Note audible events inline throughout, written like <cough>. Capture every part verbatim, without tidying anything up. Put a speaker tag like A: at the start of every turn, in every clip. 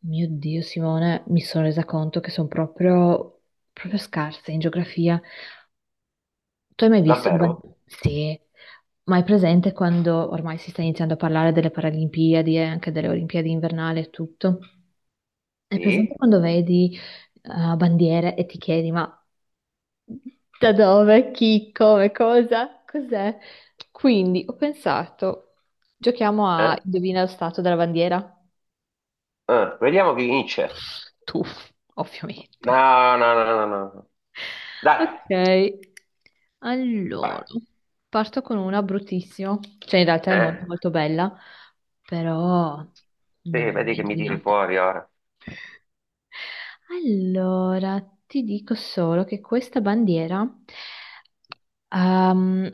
A: Mio Dio, Simone, mi sono resa conto che sono proprio, proprio scarsa in geografia. Tu hai mai visto il ban-
B: Davvero?
A: sì, ma hai presente quando ormai si sta iniziando a parlare delle Paralimpiadi e anche delle Olimpiadi invernali e tutto? Hai presente
B: Sì?
A: quando vedi eh, bandiere e ti chiedi ma da dove, chi, come, cosa, cos'è? Quindi ho pensato, giochiamo a
B: Eh?
A: indovina lo stato della bandiera?
B: Eh, vediamo chi vince.
A: Tu, ovviamente.
B: No, no, no, no, no, no. Dai,
A: Ok, allora
B: vai.
A: parto con una bruttissima, cioè in realtà è molto
B: Eh,
A: molto bella, però non
B: sì,
A: l'avevo
B: vedi
A: mai
B: che mi tiri
A: indovinata.
B: fuori ora.
A: Allora ti dico solo che questa bandiera ehm,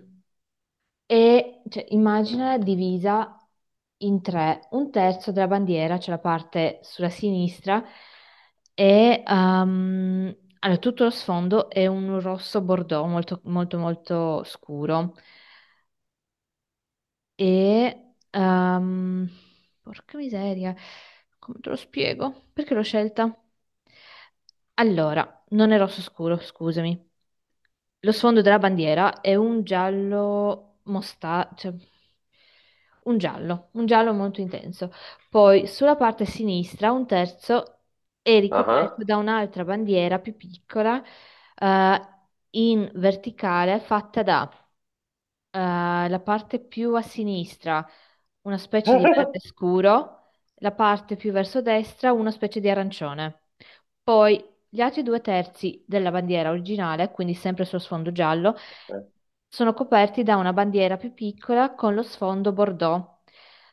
A: e cioè, immagina divisa in tre, un terzo della bandiera, cioè la parte sulla sinistra, e ehm, allora, tutto lo sfondo è un rosso bordeaux molto molto molto scuro. E ehm, porca miseria, come te lo spiego? Perché l'ho scelta? Allora, non è rosso scuro, scusami. Lo sfondo della bandiera è un giallo mosta, cioè un giallo, un giallo molto intenso. Poi sulla parte sinistra un terzo è
B: Ah,
A: ricoperto
B: ah.
A: da un'altra bandiera più piccola, eh, in verticale, fatta da, eh, la parte più a sinistra, una specie di verde
B: <laughs>
A: scuro, la parte più verso destra, una specie di arancione. Poi gli altri due terzi della bandiera originale, quindi sempre sullo sfondo giallo, sono coperti da una bandiera più piccola con lo sfondo bordeaux.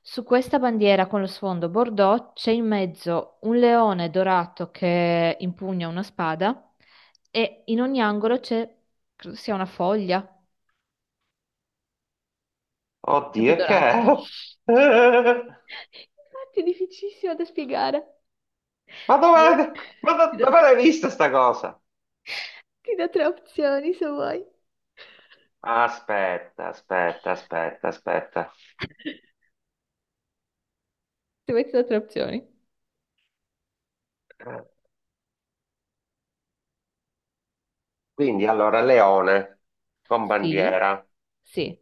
A: Su questa bandiera con lo sfondo bordeaux c'è in mezzo un leone dorato che impugna una spada e in ogni angolo c'è, credo sia una foglia, sempre
B: Oddio, e che
A: dorata.
B: è?
A: Infatti
B: <laughs>
A: è difficilissimo da spiegare.
B: Ma
A: Se vuoi,
B: dove, ma
A: ti
B: do-
A: do,
B: dove l'hai vista sta cosa?
A: ti do tre opzioni se vuoi.
B: Aspetta, aspetta, aspetta, aspetta.
A: <laughs> Se vuoi ti do tre opzioni.
B: Quindi allora, leone con
A: Sì,
B: bandiera.
A: sì.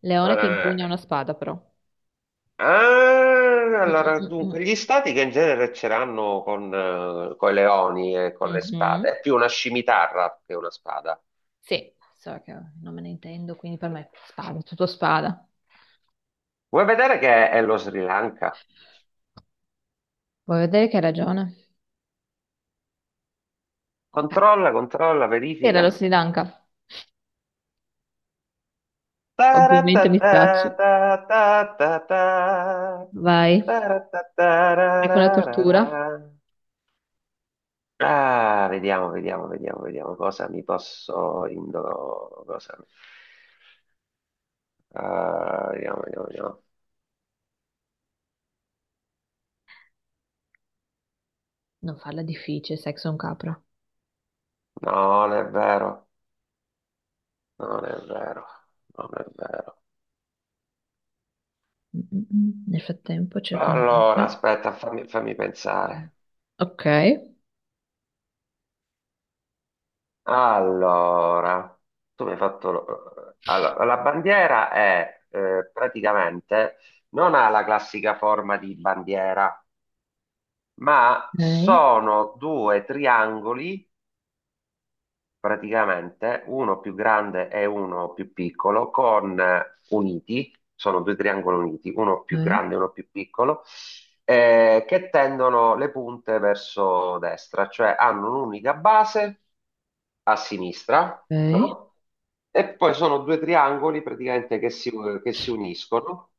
A: Leone che impugna una
B: Eh,
A: spada, però.
B: Ah,
A: Mm,
B: allora,
A: mm, mm,
B: dunque, gli stati che in genere ce l'hanno con, eh, coi leoni e con
A: mm.
B: le spade,
A: Mhm.
B: è più una scimitarra che una spada.
A: Sì, so che non me ne intendo, quindi per me spada, tutto spada.
B: Vuoi vedere che è lo Sri Lanka?
A: Vuoi vedere che hai ragione? Ok.
B: Controlla, controlla,
A: Sì, era
B: verifica.
A: lo Sri Lanka. Ovviamente mi stracci.
B: Taratatatatata.
A: Vai, vai con la tortura.
B: Taratatatararara. Ah, vediamo, vediamo, vediamo, vediamo cosa mi posso indo... Cosa... Ah, vediamo, vediamo, vediamo.
A: Non farla difficile, sai che sono capra.
B: No, non è vero. Non è vero, non è vero.
A: Mm, mm, mm. Nel frattempo cerco un...
B: Allora,
A: No.
B: aspetta, fammi, fammi pensare.
A: Ok.
B: Allora, tu mi hai fatto... lo- Allora, la bandiera è eh, praticamente non ha la classica forma di bandiera, ma
A: Ok.
B: sono due triangoli praticamente uno più grande e uno più piccolo, con eh, uniti, sono due triangoli uniti, uno più
A: Ok.
B: grande e uno più piccolo, eh, che tendono le punte verso destra, cioè hanno un'unica base a sinistra,
A: Ok.
B: no? E poi sono due triangoli praticamente che si, che si uniscono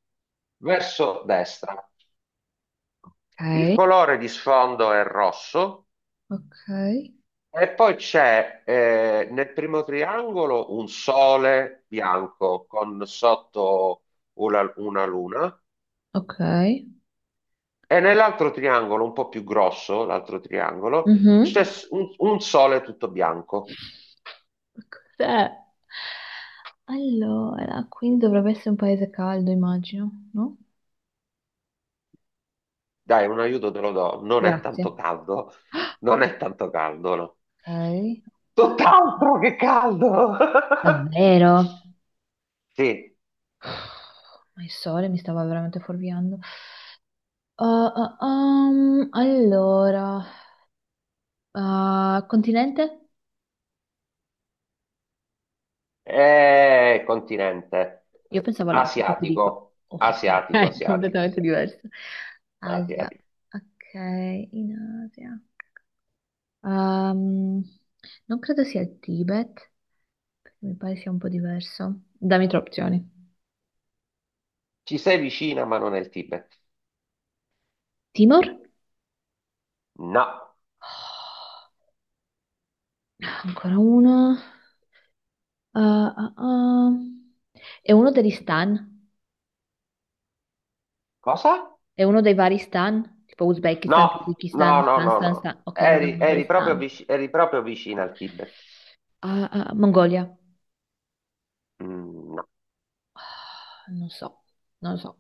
B: verso destra. Il colore di sfondo è rosso.
A: Ok.
B: E poi c'è eh, nel primo triangolo un sole bianco con sotto una, una luna
A: Ok. Ok.
B: e nell'altro triangolo, un po' più grosso, l'altro triangolo, c'è
A: Mhm.
B: s- un, un sole tutto bianco.
A: Cos'è? Allora, quindi dovrebbe essere un paese caldo, immagino, no?
B: Dai, un aiuto te lo do, non è tanto
A: Grazie.
B: caldo, non è tanto caldo, no.
A: Ok.
B: Tutt'altro che caldo! <laughs>
A: Davvero?
B: Sì,
A: <sighs> Ma il sole mi stava veramente fuorviando. Ah, ah, um, allora, ah, continente?
B: è continente
A: Io pensavo all'Africa, ti dico.
B: asiatico,
A: Oh, <laughs>
B: asiatico,
A: è
B: asiatico,
A: completamente
B: asiatico.
A: diverso.
B: Api,
A: Asia.
B: api.
A: Ok, in Asia. Ehm, non credo sia il Tibet, perché mi pare sia un po' diverso. Dammi tre opzioni.
B: Ci sei vicina, ma non è il Tibet.
A: Timor?
B: No.
A: Oh, ancora uno. Ah, ah, ah. È uno degli stan?
B: Cosa?
A: È uno dei vari stan? Tipo
B: No,
A: Uzbekistan,
B: no,
A: Tagikistan,
B: no,
A: stan,
B: no,
A: stan,
B: no.
A: stan. Ok, non è
B: Eri,
A: uno
B: eri
A: degli
B: proprio
A: stan.
B: vici- eri proprio vicina al Tibet.
A: Ah, ah, Mongolia?
B: Mm, no.
A: Ah, non so, non lo so,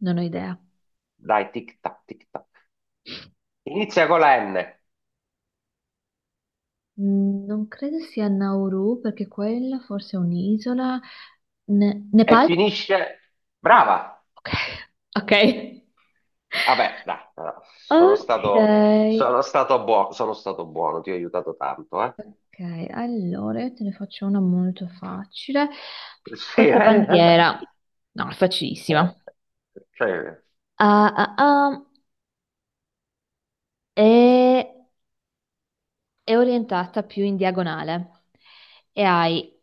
A: non ho idea.
B: Dai, tic tac, tic tac. Inizia con la N
A: Mm, non credo sia Nauru, perché quella forse è un'isola. Ne-
B: e
A: Nepal?
B: finisce... Brava!
A: Ok. Ok,
B: Vabbè, dai, no, sono stato,
A: ok,
B: sono stato buono, sono stato buono, ti ho aiutato tanto, eh.
A: ok. Allora io te ne faccio una molto facile.
B: <laughs> Sì,
A: Questa
B: eh.
A: bandiera, no, è
B: Eh,
A: facilissima.
B: cioè,
A: Ah, ah, ah, è, è orientata più in diagonale e hai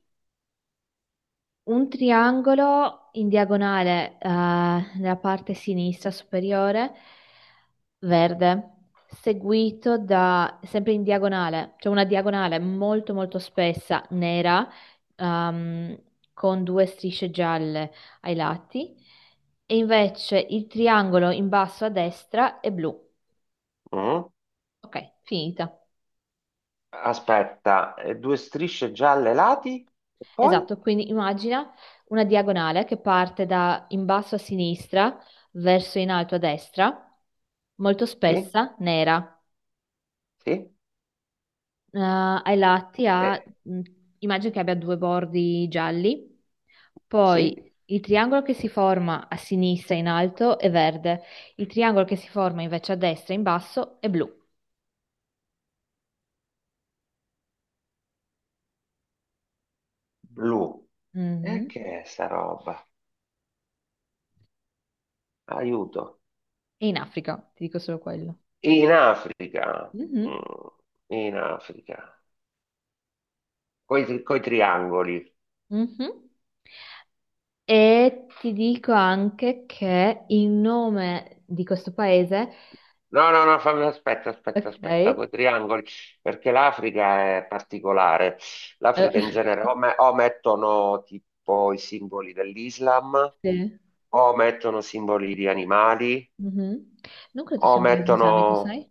A: un triangolo in diagonale eh, nella parte sinistra superiore verde, seguito da, sempre in diagonale, cioè una diagonale molto molto spessa, nera, ehm, con due strisce gialle ai lati, e invece il triangolo in basso a destra è blu.
B: mm.
A: Ok, finita.
B: Aspetta, eh, due strisce gialle ai lati e poi?
A: Esatto, quindi immagina una diagonale che parte da in basso a sinistra verso in alto a destra, molto
B: Sì.
A: spessa, nera.
B: Sì?
A: Eh, ai lati ha,
B: Eh,
A: mh, immagino che abbia due bordi gialli,
B: sì?
A: poi il triangolo che si forma a sinistra in alto è verde, il triangolo che si forma invece a destra in basso è blu.
B: Blu. E
A: Mhm.
B: che è sta roba? Aiuto.
A: E in Africa, ti dico solo quello.
B: In Africa.
A: Mhm.
B: Mm, in Africa. Coi, coi triangoli.
A: Mhm. E ti dico anche che il nome di questo paese,
B: No, no, no, fammi, aspetta, aspetta, aspetta,
A: ok,
B: coi triangoli, perché l'Africa è particolare.
A: eh,
B: L'Africa in genere o,
A: <laughs>
B: me- o mettono tipo i simboli dell'Islam,
A: sì.
B: o mettono simboli di animali,
A: Mhm. Non credo
B: o
A: sia un paese islamico,
B: mettono,
A: sai?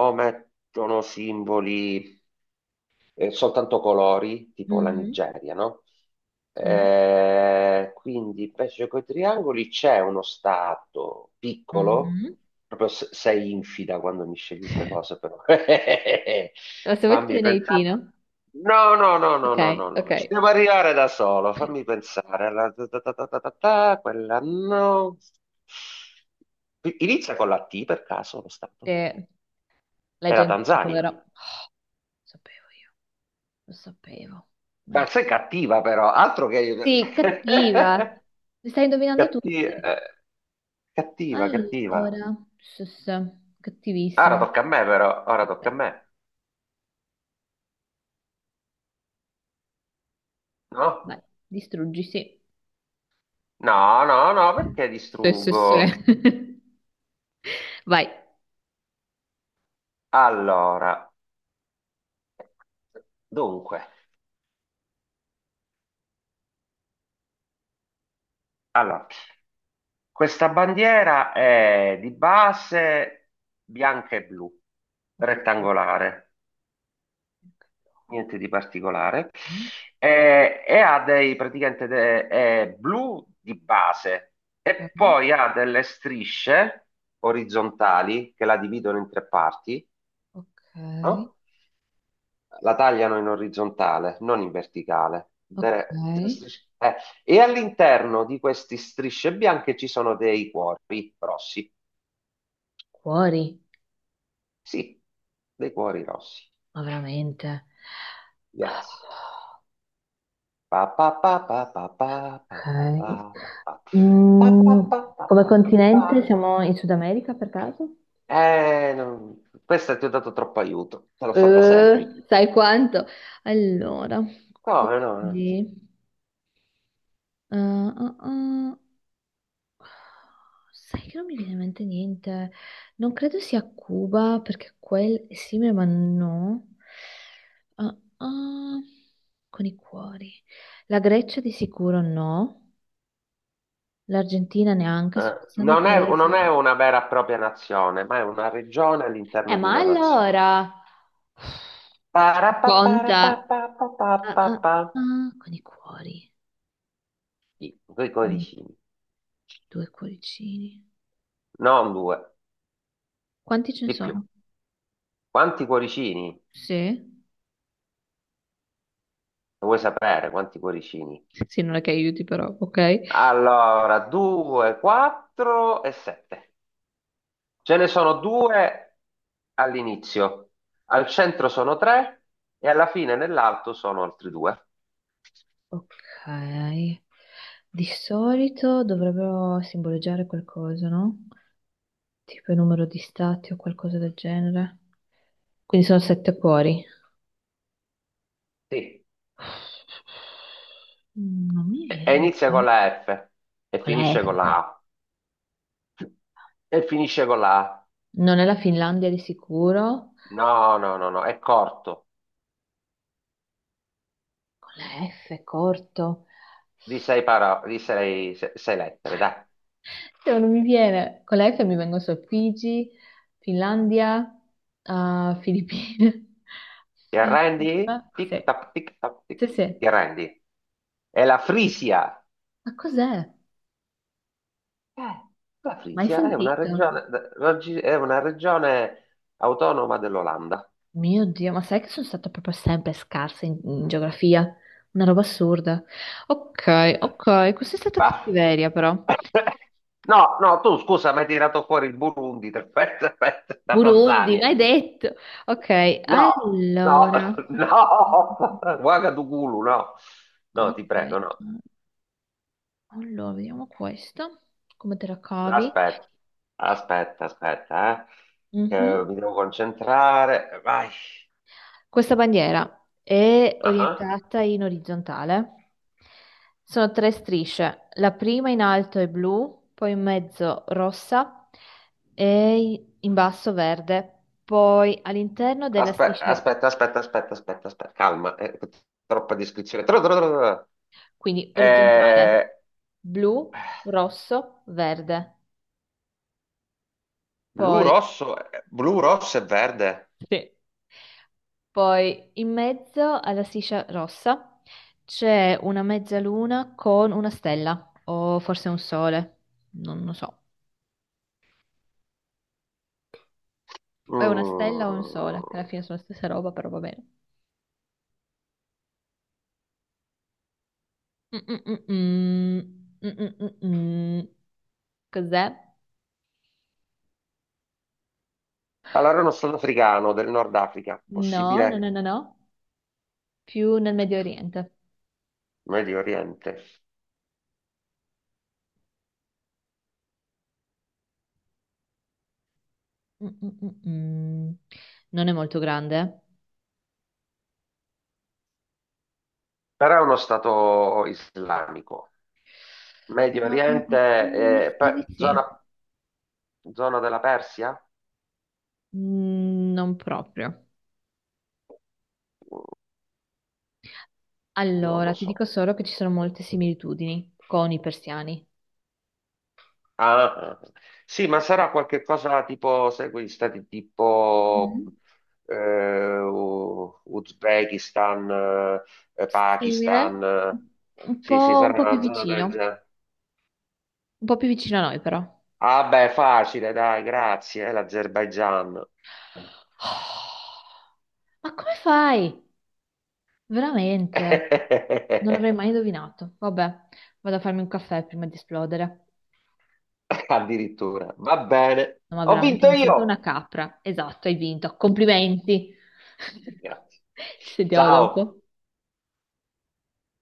B: o mettono simboli eh, soltanto colori, tipo la
A: Mhm.
B: Nigeria, no?
A: Sì.
B: Eh, quindi invece con i triangoli c'è uno stato piccolo,
A: Mhm.
B: proprio se- sei infida quando mi scegli queste cose, però. <laughs>
A: No, se vuoi te
B: Fammi
A: ne dai
B: pensare.
A: Tino.
B: No, no, no, no,
A: Ok,
B: no, no,
A: ok.
B: no, ci devo arrivare da solo, fammi pensare. La- ta- ta- ta- ta- ta- ta- ta, quella no. Inizia con la T per caso lo stato?
A: Eh, l'hai
B: È
A: già
B: la
A: indovinato, vero?
B: Tanzania.
A: Oh, lo sapevo io, lo sapevo.
B: Ma
A: Ecco.
B: sei cattiva però, altro che.
A: Sì, cattiva.
B: <laughs>
A: Li stai indovinando
B: Catti-
A: tutti.
B: eh, cattiva, cattiva.
A: Allora, sì, sì, sì.
B: Ora
A: Cattivissima.
B: tocca a me però, ora tocca
A: Eh,
B: a me. No?
A: Vai, distruggi, sì.
B: No, no, no, perché
A: Sì, sì, sì.
B: distruggo?
A: <laughs> Vai.
B: Allora, dunque, allora, questa bandiera è di base bianca e blu,
A: Ok,
B: rettangolare. Niente di particolare. Eh, e ha dei praticamente de- è blu di base e poi ha delle strisce orizzontali che la dividono in tre parti,
A: ok, ok. Ok.
B: no? La tagliano in orizzontale, non in verticale.
A: Ok, ok.
B: De- de- strisce- eh, e all'interno di queste strisce bianche ci sono dei cuori rossi.
A: Cuori,
B: Sì, dei cuori rossi.
A: ma veramente. Ah.
B: Yes. Pa pa pa pa pa pa pa pa pa
A: Ok.
B: pa pa pa
A: Mm,
B: pa pa
A: come
B: pa pa.
A: continente siamo in Sud America per caso?
B: Eh, non- questa ti ho dato troppo aiuto, te l'ho fatta semplice.
A: Eh, sai quanto? Allora,
B: Come no? No.
A: quindi... eh, ah, ah, sai che non mi viene in mente niente. Non credo sia Cuba perché quel... Sì, ma no. Ah, ah, con i cuori. La Grecia di sicuro no. L'Argentina neanche, sto
B: Eh,
A: pensando a
B: non è, non è
A: paesi.
B: una vera e propria nazione, ma è una regione
A: Eh,
B: all'interno di
A: ma
B: una nazione.
A: allora, conta. Ah, ah,
B: Parapaparapapapapapapa.
A: ah, con i cuori.
B: Sì, due
A: Mm,
B: cuoricini,
A: due cuoricini.
B: non due,
A: Quanti ce ne
B: di più.
A: sono?
B: Quanti cuoricini?
A: Sì?
B: Lo vuoi sapere quanti cuoricini?
A: Sì, non è che aiuti però, ok?
B: Allora, due, quattro e sette. Ce ne sono due all'inizio, al centro sono tre e alla fine nell'alto sono altri due.
A: Ok. Di solito dovrebbero simboleggiare qualcosa, no? Tipo il numero di stati o qualcosa del genere. Quindi sono sette cuori.
B: Sì.
A: Non mi
B: E, e
A: viene.
B: inizia con
A: Dai.
B: la F e
A: Con la
B: finisce
A: F.
B: con la A. E finisce con la A.
A: Non è la Finlandia di sicuro.
B: No, no, no, no, è corto,
A: Con la F corto.
B: di sei, paro- di sei, se- sei lettere, dai.
A: Cioè, non mi viene. Con la F mi vengono solo Figi, Finlandia, ah, Filippine. <laughs>
B: Ti
A: Ah,
B: arrendi?
A: ah,
B: Tic
A: sì,
B: tac, tic tac, tic.
A: sì, sì.
B: Ti arrendi? È la Frisia.
A: Ma cos'è?
B: Eh, la
A: Mai
B: Frisia è una
A: sentito?
B: regione, raggi- è una regione autonoma dell'Olanda.
A: Mio Dio, ma sai che sono stata proprio sempre scarsa in, in geografia? Una roba assurda. Ok,
B: Eh,
A: ok, questa è stata
B: Ah.
A: cattiveria però.
B: No, no, tu scusa, mi hai tirato fuori il Burundi, <laughs> aspetta, aspetta, la
A: Burundi,
B: Tanzania.
A: mai detto. Ok,
B: No, no,
A: allora.
B: <laughs> no, Ouagadougou, no. No,
A: Ok,
B: ti prego, no.
A: mm, allora vediamo questa, come te la cavi.
B: Aspetta, aspetta, aspetta, eh. Eh,
A: Mhm.
B: mi devo concentrare. Vai.
A: Questa bandiera è
B: Ah, ah.
A: orientata in orizzontale. Sono tre strisce, la prima in alto è blu, poi in mezzo rossa e in basso verde. Poi all'interno della
B: Aspe-
A: striscia,
B: Aspetta, aspetta, aspetta, aspetta, aspetta, calma, eh, troppa descrizione. Tro- tro- tro- tro- tro.
A: quindi orizzontale,
B: Eh,
A: blu, rosso, verde.
B: blu,
A: Poi
B: rosso, eh, blu, rosso e verde.
A: sì. Poi in mezzo alla striscia rossa c'è una mezzaluna con una stella, o forse un sole, non lo so. È una stella o un
B: Mm.
A: sole, che alla fine sono la stessa roba, però va bene. Mm-mm-mm-mm. Mm-mm-mm-mm. Cos'è?
B: Allora è uno stato africano del Nord Africa,
A: No, no,
B: possibile?
A: no, no, no. Più nel Medio Oriente. Sì.
B: Medio Oriente.
A: Mm-mm-mm-mm. Non è molto grande. Eh?
B: Però è uno stato islamico.
A: Ah,
B: Medio
A: ah, ah, mi
B: Oriente, eh,
A: sa di
B: pe-
A: sì.
B: zona, zona della Persia?
A: Mm, non proprio.
B: Non lo
A: Allora, ti dico
B: so.
A: solo che ci sono molte similitudini con i persiani.
B: Ah, ah. Sì, ma sarà qualche cosa tipo, sai, quegli stati tipo
A: Mhm.
B: eh, U- Uzbekistan, eh,
A: Simile,
B: Pakistan, eh.
A: un
B: Sì, sì,
A: po', un
B: sarà
A: po' più
B: una zona
A: vicino,
B: del
A: un
B: genere.
A: po' più vicino a noi però. <sighs>
B: Ah beh, facile, dai, grazie, è l'Azerbaigian.
A: Oh, ma come fai? Veramente? Non
B: <laughs>
A: l'avrei mai indovinato. Vabbè, vado a farmi un caffè prima di esplodere.
B: Addirittura. Va bene.
A: No, ma
B: Ho
A: veramente
B: vinto
A: mi sento una
B: io.
A: capra. Esatto, hai vinto. Complimenti. <laughs>
B: Grazie.
A: Ci sentiamo
B: Ciao.
A: dopo.